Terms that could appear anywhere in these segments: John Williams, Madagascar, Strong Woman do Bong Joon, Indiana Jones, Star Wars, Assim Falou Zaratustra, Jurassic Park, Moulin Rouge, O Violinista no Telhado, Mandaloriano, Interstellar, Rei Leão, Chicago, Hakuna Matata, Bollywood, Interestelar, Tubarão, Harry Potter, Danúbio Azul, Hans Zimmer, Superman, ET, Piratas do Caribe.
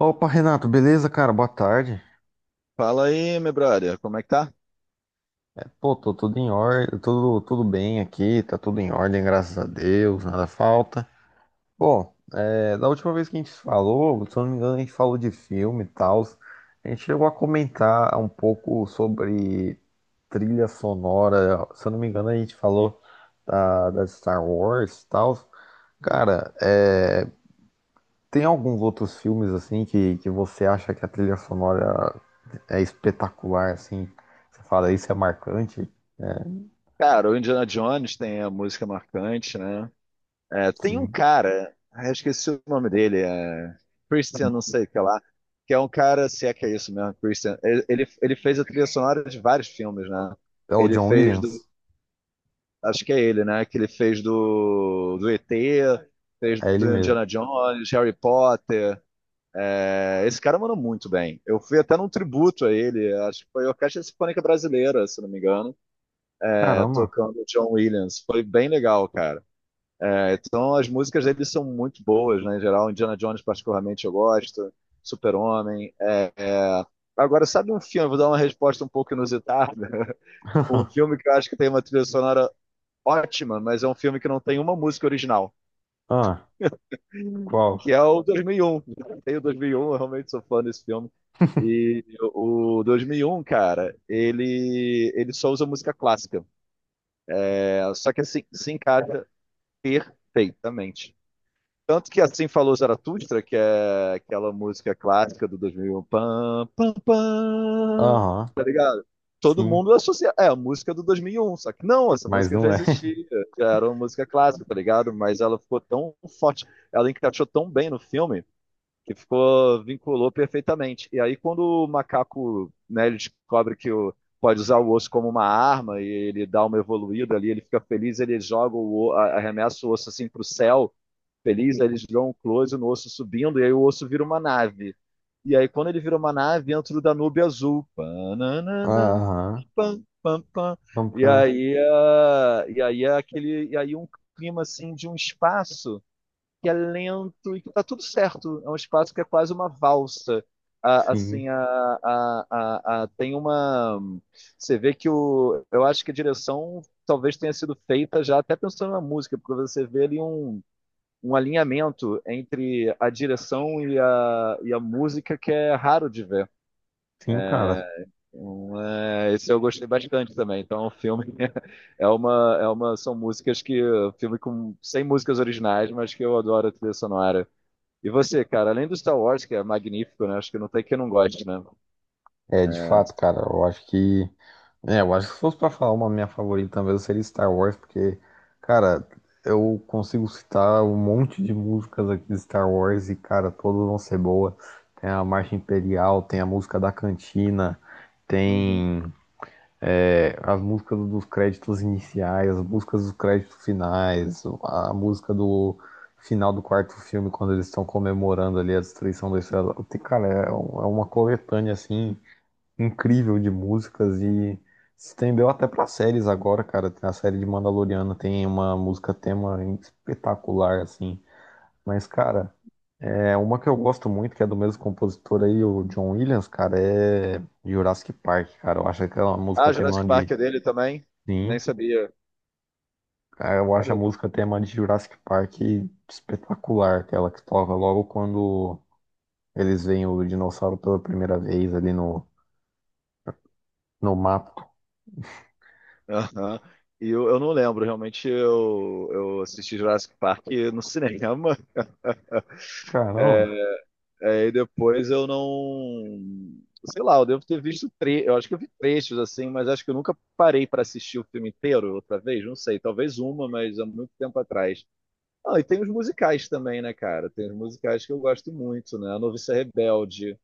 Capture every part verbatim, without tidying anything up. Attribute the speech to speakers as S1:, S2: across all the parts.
S1: Opa, Renato, beleza, cara? Boa tarde.
S2: Fala aí, meu brother, como é que tá?
S1: Pô, tô tudo em ordem, tudo, tudo bem aqui, tá tudo em ordem, graças a Deus, nada falta. Pô, é, da última vez que a gente falou, se eu não me engano, a gente falou de filme e tal. A gente chegou a comentar um pouco sobre trilha sonora. Se eu não me engano, a gente falou da, da Star Wars e tal. Cara, é, tem alguns outros filmes assim que, que você acha que a trilha sonora é espetacular, assim. Você fala, isso é marcante.
S2: Cara, o Indiana Jones tem a música marcante, né? É,
S1: Que
S2: tem um cara, ah, eu esqueci o nome dele, é Christian, não sei o que lá, que é um cara, se é que é isso mesmo, Christian. Ele, ele, ele fez a trilha sonora de vários filmes, né?
S1: é o
S2: Ele
S1: John
S2: fez do,
S1: Williams?
S2: acho que é ele, né? Que ele fez do, do E T, fez
S1: É ele
S2: do
S1: mesmo.
S2: Indiana Jones, Harry Potter. É, esse cara mandou muito bem. Eu fui até num tributo a ele, acho que foi a Orquestra Sinfônica Brasileira, se não me engano. É,
S1: Caramba.
S2: tocando John Williams. Foi bem legal, cara. É, então as músicas dele são muito boas, né? Em geral, Indiana Jones, particularmente, eu gosto. Super-Homem. É, é... Agora, sabe um filme? Vou dar uma resposta um pouco inusitada. Um filme que eu acho que tem uma trilha sonora ótima, mas é um filme que não tem uma música original,
S1: Ah, qual?
S2: que é o dois mil e um. Tem o dois mil e um, eu realmente sou fã desse filme. E o dois mil e um, cara, ele, ele só usa música clássica. É, só que assim, se encaixa perfeitamente. Tanto que assim falou Zaratustra, que é aquela música clássica do dois mil e um, pam, pam, pam,
S1: Aham,
S2: tá ligado? Todo
S1: sim,
S2: mundo associa, é a música do dois mil e um, só que não, essa
S1: mas
S2: música já
S1: não é.
S2: existia, já era uma música clássica, tá ligado? Mas ela ficou tão forte, ela encaixou tão bem no filme, que ficou, vinculou perfeitamente. E aí, quando o macaco, né, ele descobre que o, pode usar o osso como uma arma e ele dá uma evoluída ali, ele fica feliz, ele joga o, o- a- arremessa o osso assim para o céu, feliz, aí eles dão um close no osso subindo, e aí o osso vira uma nave. E aí, quando ele vira uma nave, entra o Danúbio Azul. Pananana,
S1: Aham,
S2: pam, pam, pam.
S1: pam,
S2: E
S1: pam.
S2: aí, ah, e aí é aquele, e aí um clima assim de um espaço que é lento e que tá tudo certo. É um espaço que é quase uma valsa. A-
S1: Sim,
S2: assim, a, a, a, a- tem uma. Você vê que o. Eu acho que a direção talvez tenha sido feita já até pensando na música, porque você vê ali um, um alinhamento entre a direção e a, e a música que é raro de ver.
S1: sim, cara.
S2: Então, é, esse eu gostei bastante também. Então, o filme é uma, é uma, são músicas que. Filme com, sem músicas originais, mas que eu adoro a trilha sonora. E você, cara, além do Star Wars, que é magnífico, né? Acho que não tem quem não goste, né?
S1: É, de fato, cara, eu acho que é, eu acho que se fosse pra falar uma minha favorita, talvez seria Star Wars, porque, cara, eu consigo citar um monte de músicas aqui de Star Wars e, cara, todas vão ser boas. Tem a Marcha Imperial, tem a música da cantina,
S2: Uhum.
S1: tem é, as músicas dos créditos iniciais, as músicas dos créditos finais, a música do final do quarto filme, quando eles estão comemorando ali a destruição da estrela. Tem- cara, é um- é uma coletânea assim incrível de músicas e se estendeu até pra séries agora, cara. Tem a série de Mandaloriano tem uma música tema espetacular, assim. Mas, cara, é uma que eu gosto muito, que é do mesmo compositor aí, o John Williams, cara, é Jurassic Park, cara. Eu acho aquela música
S2: Ah,
S1: tema
S2: Jurassic
S1: de.
S2: Park é dele também?
S1: Sim,
S2: Nem sabia.
S1: cara, eu
S2: Cara,
S1: acho a
S2: eu-
S1: música tema de Jurassic Park espetacular, aquela que toca logo quando eles veem o dinossauro pela primeira vez ali no, no mapa.
S2: Aham. E eu, eu não lembro, realmente eu, eu assisti Jurassic Park no cinema,
S1: Caramba.
S2: é, e depois eu não. Sei lá, eu devo ter visto tre... eu acho que eu vi trechos assim, mas acho que eu nunca parei para assistir o filme inteiro outra vez, não sei, talvez uma, mas há muito tempo atrás. Ah, e tem os musicais também, né, cara? Tem os musicais que eu gosto muito, né? A Noviça Rebelde.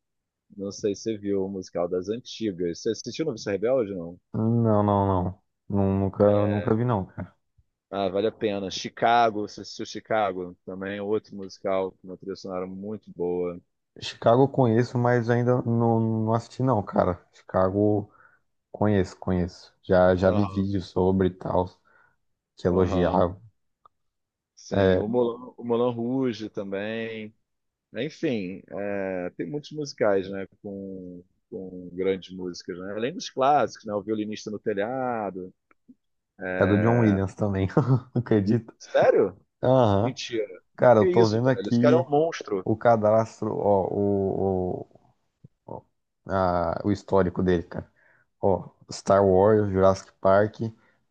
S2: Não sei se você viu o musical das antigas. Você assistiu Noviça Rebelde, não?
S1: Não, não, não. Nu- nunca, nunca vi, não, cara.
S2: Ah, vale a pena. Chicago, você assistiu Chicago? Também é outro musical com uma trilha sonora muito boa.
S1: Chicago eu conheço, mas ainda não, não assisti, não, cara. Chicago conheço, conheço. Já, já vi
S2: Aham,
S1: vídeos sobre e tal, que
S2: aham.
S1: elogiavam.
S2: Sim,
S1: É,
S2: o Moulin, o Moulin Rouge também. Enfim, é, tem muitos musicais, né, com, com grandes músicas, né? Além dos clássicos, né? O Violinista no Telhado.
S1: é do John
S2: É,
S1: Williams também, acredito.
S2: sério?
S1: Aham.
S2: Mentira.
S1: Cara, eu
S2: Que
S1: tô
S2: isso,
S1: vendo
S2: velho? Esse cara é
S1: aqui
S2: um monstro.
S1: o cadastro, ó, o, o, o- a- o histórico dele, cara. Ó, Star Wars, Jurassic Park,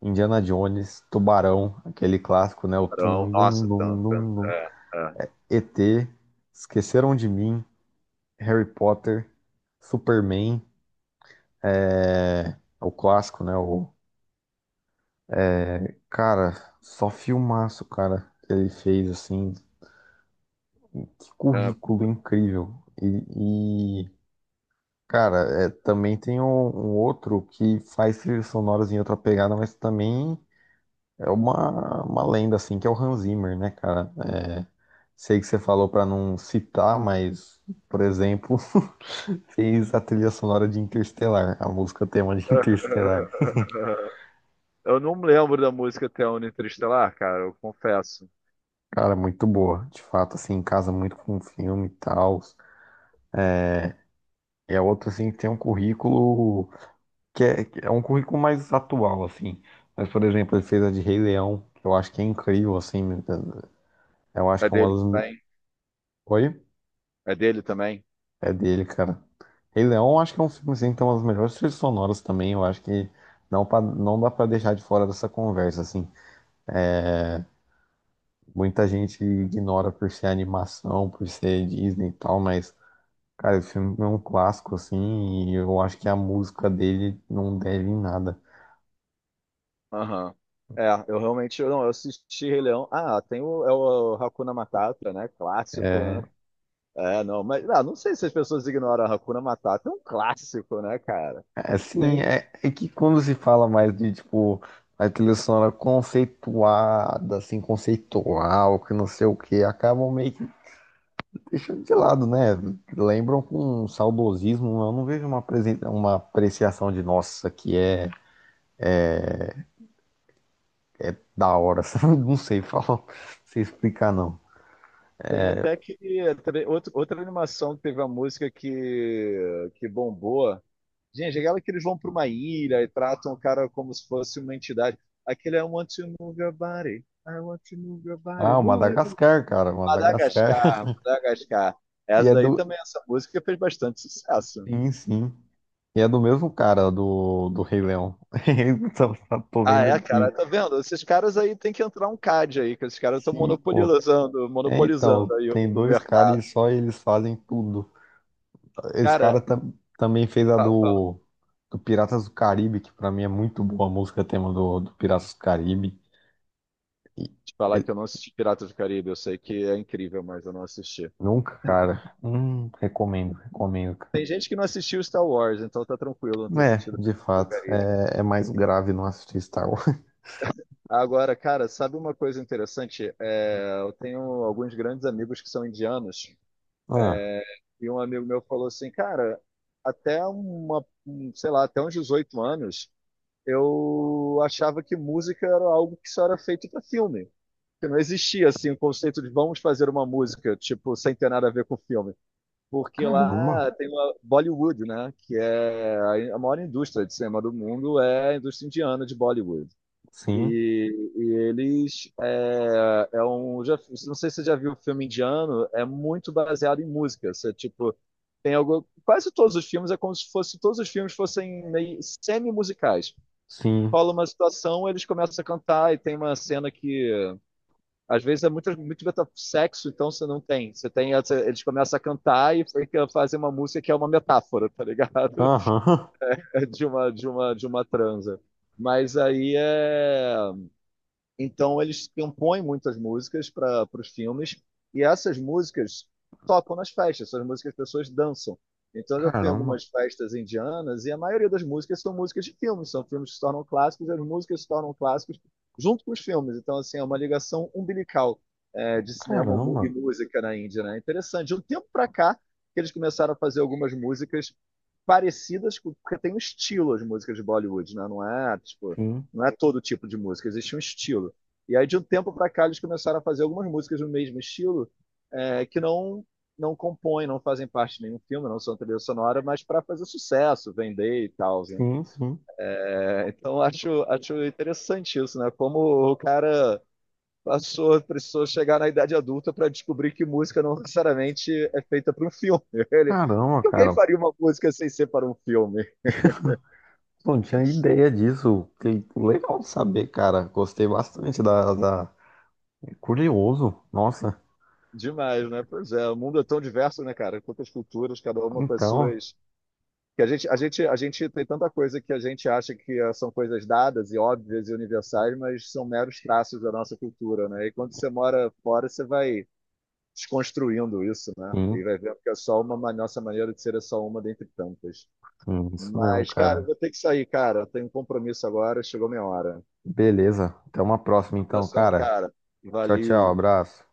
S1: Indiana Jones, Tubarão, aquele clássico, né? O
S2: Carão.
S1: tum, dum,
S2: Nossa, tanto.
S1: dum, dum,
S2: É, é.
S1: E T, Esqueceram de Mim, Harry Potter, Superman, é... o clássico, né? O... cara, só filmaço, cara, que ele fez, assim. Que
S2: É,
S1: currículo incrível. E, e, cara, é, também tem um, um outro que faz trilhas sonoras em outra pegada, mas também é uma, uma lenda, assim, que é o Hans Zimmer, né, cara? É, sei que você falou pra não citar, mas, por exemplo, fez a trilha sonora de Interstellar, a música tema de Interstellar.
S2: eu não me lembro da música até o Interestelar, cara, eu confesso.
S1: Cara, muito boa. De fato, assim, casa muito com o filme e tal. É outro, assim, que tem um currículo que é, que é um currículo mais atual, assim. Mas, por exemplo, ele fez a de Rei Leão, que eu acho que é incrível, assim. Eu acho
S2: É
S1: que é uma
S2: dele
S1: das. Me-
S2: também?
S1: oi?
S2: É dele também?
S1: É dele, cara. Rei Leão, eu acho que é um filme, assim, que tem umas melhores trilhas sonoras também. Eu acho que não, pa- não dá pra deixar de fora dessa conversa, assim. Muita gente ignora por ser animação, por ser Disney e tal, mas, cara, o filme é um clássico, assim, e eu acho que a música dele não deve em nada.
S2: Aham. É, eu realmente eu não, eu assisti Rei Leão. Ah, tem o, é o Hakuna Matata, né? Clássico, né?
S1: É,
S2: É, não, mas ah, não sei se as pessoas ignoram a Hakuna Matata, é um clássico, né, cara?
S1: é, assim,
S2: Tem,
S1: é, é que quando se fala mais de, tipo, a trilha sonora conceituada, assim, conceitual, que não sei o que, acabam meio que deixando de lado, né? Lembram com um saudosismo, eu não vejo uma, apresen- uma apreciação de, nossa, que é da hora, sabe? Não sei falar, não sei explicar, não.
S2: tem até que outra, outra animação que teve a música que, que bombou. Gente, é aquela que eles vão para uma ilha e tratam o cara como se fosse uma entidade. Aquele é I want to move your body. I want to move your body.
S1: Ah, o
S2: Move it.
S1: Madagascar, cara, Madagascar.
S2: Madagascar, Madagascar.
S1: E
S2: Essa
S1: é do.
S2: daí também, essa música fez bastante sucesso.
S1: Sim, sim. E é do mesmo cara do, do Rei Leão. Tô tô
S2: Ah,
S1: vendo
S2: é, cara,
S1: aqui.
S2: tá vendo? Esses caras aí tem que entrar um C A D aí, que esses caras estão
S1: Sim, pô.
S2: monopolizando,
S1: É,
S2: monopolizando
S1: então,
S2: aí o,
S1: tem
S2: o
S1: dois caras e
S2: mercado.
S1: só eles fazem tudo. Esse cara
S2: Cara,
S1: tam- também fez a
S2: fala, fala.
S1: do, do Piratas do Caribe, que pra mim é muito boa a música tema do, do Piratas do Caribe. E
S2: Te falar
S1: ele-
S2: que eu não assisti Piratas do Caribe, eu sei que é incrível, mas eu não assisti.
S1: nunca, cara. Hum, recomendo, recomendo. Cara.
S2: Tem gente que não assistiu Star Wars, então tá tranquilo não ter
S1: É,
S2: assistido
S1: de
S2: Piratas do
S1: fato.
S2: Caribe.
S1: É, é mais grave não assistir Star Wars.
S2: Agora, cara, sabe uma coisa interessante? É, eu tenho alguns grandes amigos que são indianos,
S1: Ah,
S2: é, e um amigo meu falou assim, cara, até uma, um, sei lá, até uns dezoito anos, eu achava que música era algo que só era feito para filme. Que não existia assim o conceito de vamos fazer uma música, tipo, sem ter nada a ver com filme. Porque
S1: caramba.
S2: lá tem uma Bollywood, né, que é a a maior indústria de cinema do mundo, é a indústria indiana de Bollywood.
S1: Sim,
S2: E, e eles é, é um já, não sei se você já viu, o filme indiano é muito baseado em música, você tipo tem algo, quase todos os filmes é como se fosse, todos os filmes fossem meio semi musicais,
S1: sim.
S2: rola uma situação, eles começam a cantar e tem uma cena que às vezes é muito muito meta- sexo, então você não tem, você tem essa-, eles começam a cantar e fica-, fazem uma música que é uma metáfora, tá ligado?
S1: Aham.
S2: É de uma de uma de uma transa, mas aí é, então eles compõem muitas músicas para os filmes e essas músicas tocam nas festas, essas músicas as pessoas dançam. Então eu já fui em
S1: Caramba,
S2: algumas festas indianas e a maioria das músicas são músicas de filmes, são filmes que se tornam clássicos e as músicas se tornam clássicos junto com os filmes. Então assim é uma ligação umbilical, é, de cinema mu- e
S1: caramba.
S2: música na Índia, né? Interessante. De um tempo para cá que eles começaram a fazer algumas músicas parecidas, com- porque tem um estilo as músicas de Bollywood, né? Não é, tipo,
S1: Sim,
S2: não é todo tipo de música, existe um estilo. E aí, de um tempo para cá, eles começaram a fazer algumas músicas do mesmo estilo, é, que não não compõem, não fazem parte de nenhum filme, não são trilha sonora, mas para fazer sucesso, vender e tal, né?
S1: sim, sim.
S2: É, então, acho, acho interessante isso, né? Como o cara passou, precisou chegar na idade adulta para descobrir que música não necessariamente é feita para um filme. Ele, por
S1: Caramba,
S2: que alguém
S1: cara.
S2: faria uma música sem ser para um filme?
S1: Não tinha ideia disso. Que legal saber, cara. Gostei bastante da, da... curioso. Nossa.
S2: Demais, né? Pois é, o mundo é tão diverso, né, cara? Quantas culturas, cada uma com as
S1: Então,
S2: suas. Que a gente, a gente, a gente tem tanta coisa que a gente acha que ah, são coisas dadas e óbvias e universais, mas são meros traços da nossa cultura, né? E quando você mora fora, você vai desconstruindo isso, né? E
S1: sim,
S2: vai vendo que é só uma, ma- nossa maneira de ser é só uma dentre tantas.
S1: sim, isso mesmo,
S2: Mas, cara, eu
S1: cara.
S2: vou ter que sair, cara. Tenho um compromisso agora, chegou minha hora. Um
S1: Beleza. Até uma próxima, então,
S2: abração,
S1: cara.
S2: cara.
S1: Tchau, tchau.
S2: Valeu. Tchau.
S1: Abraço.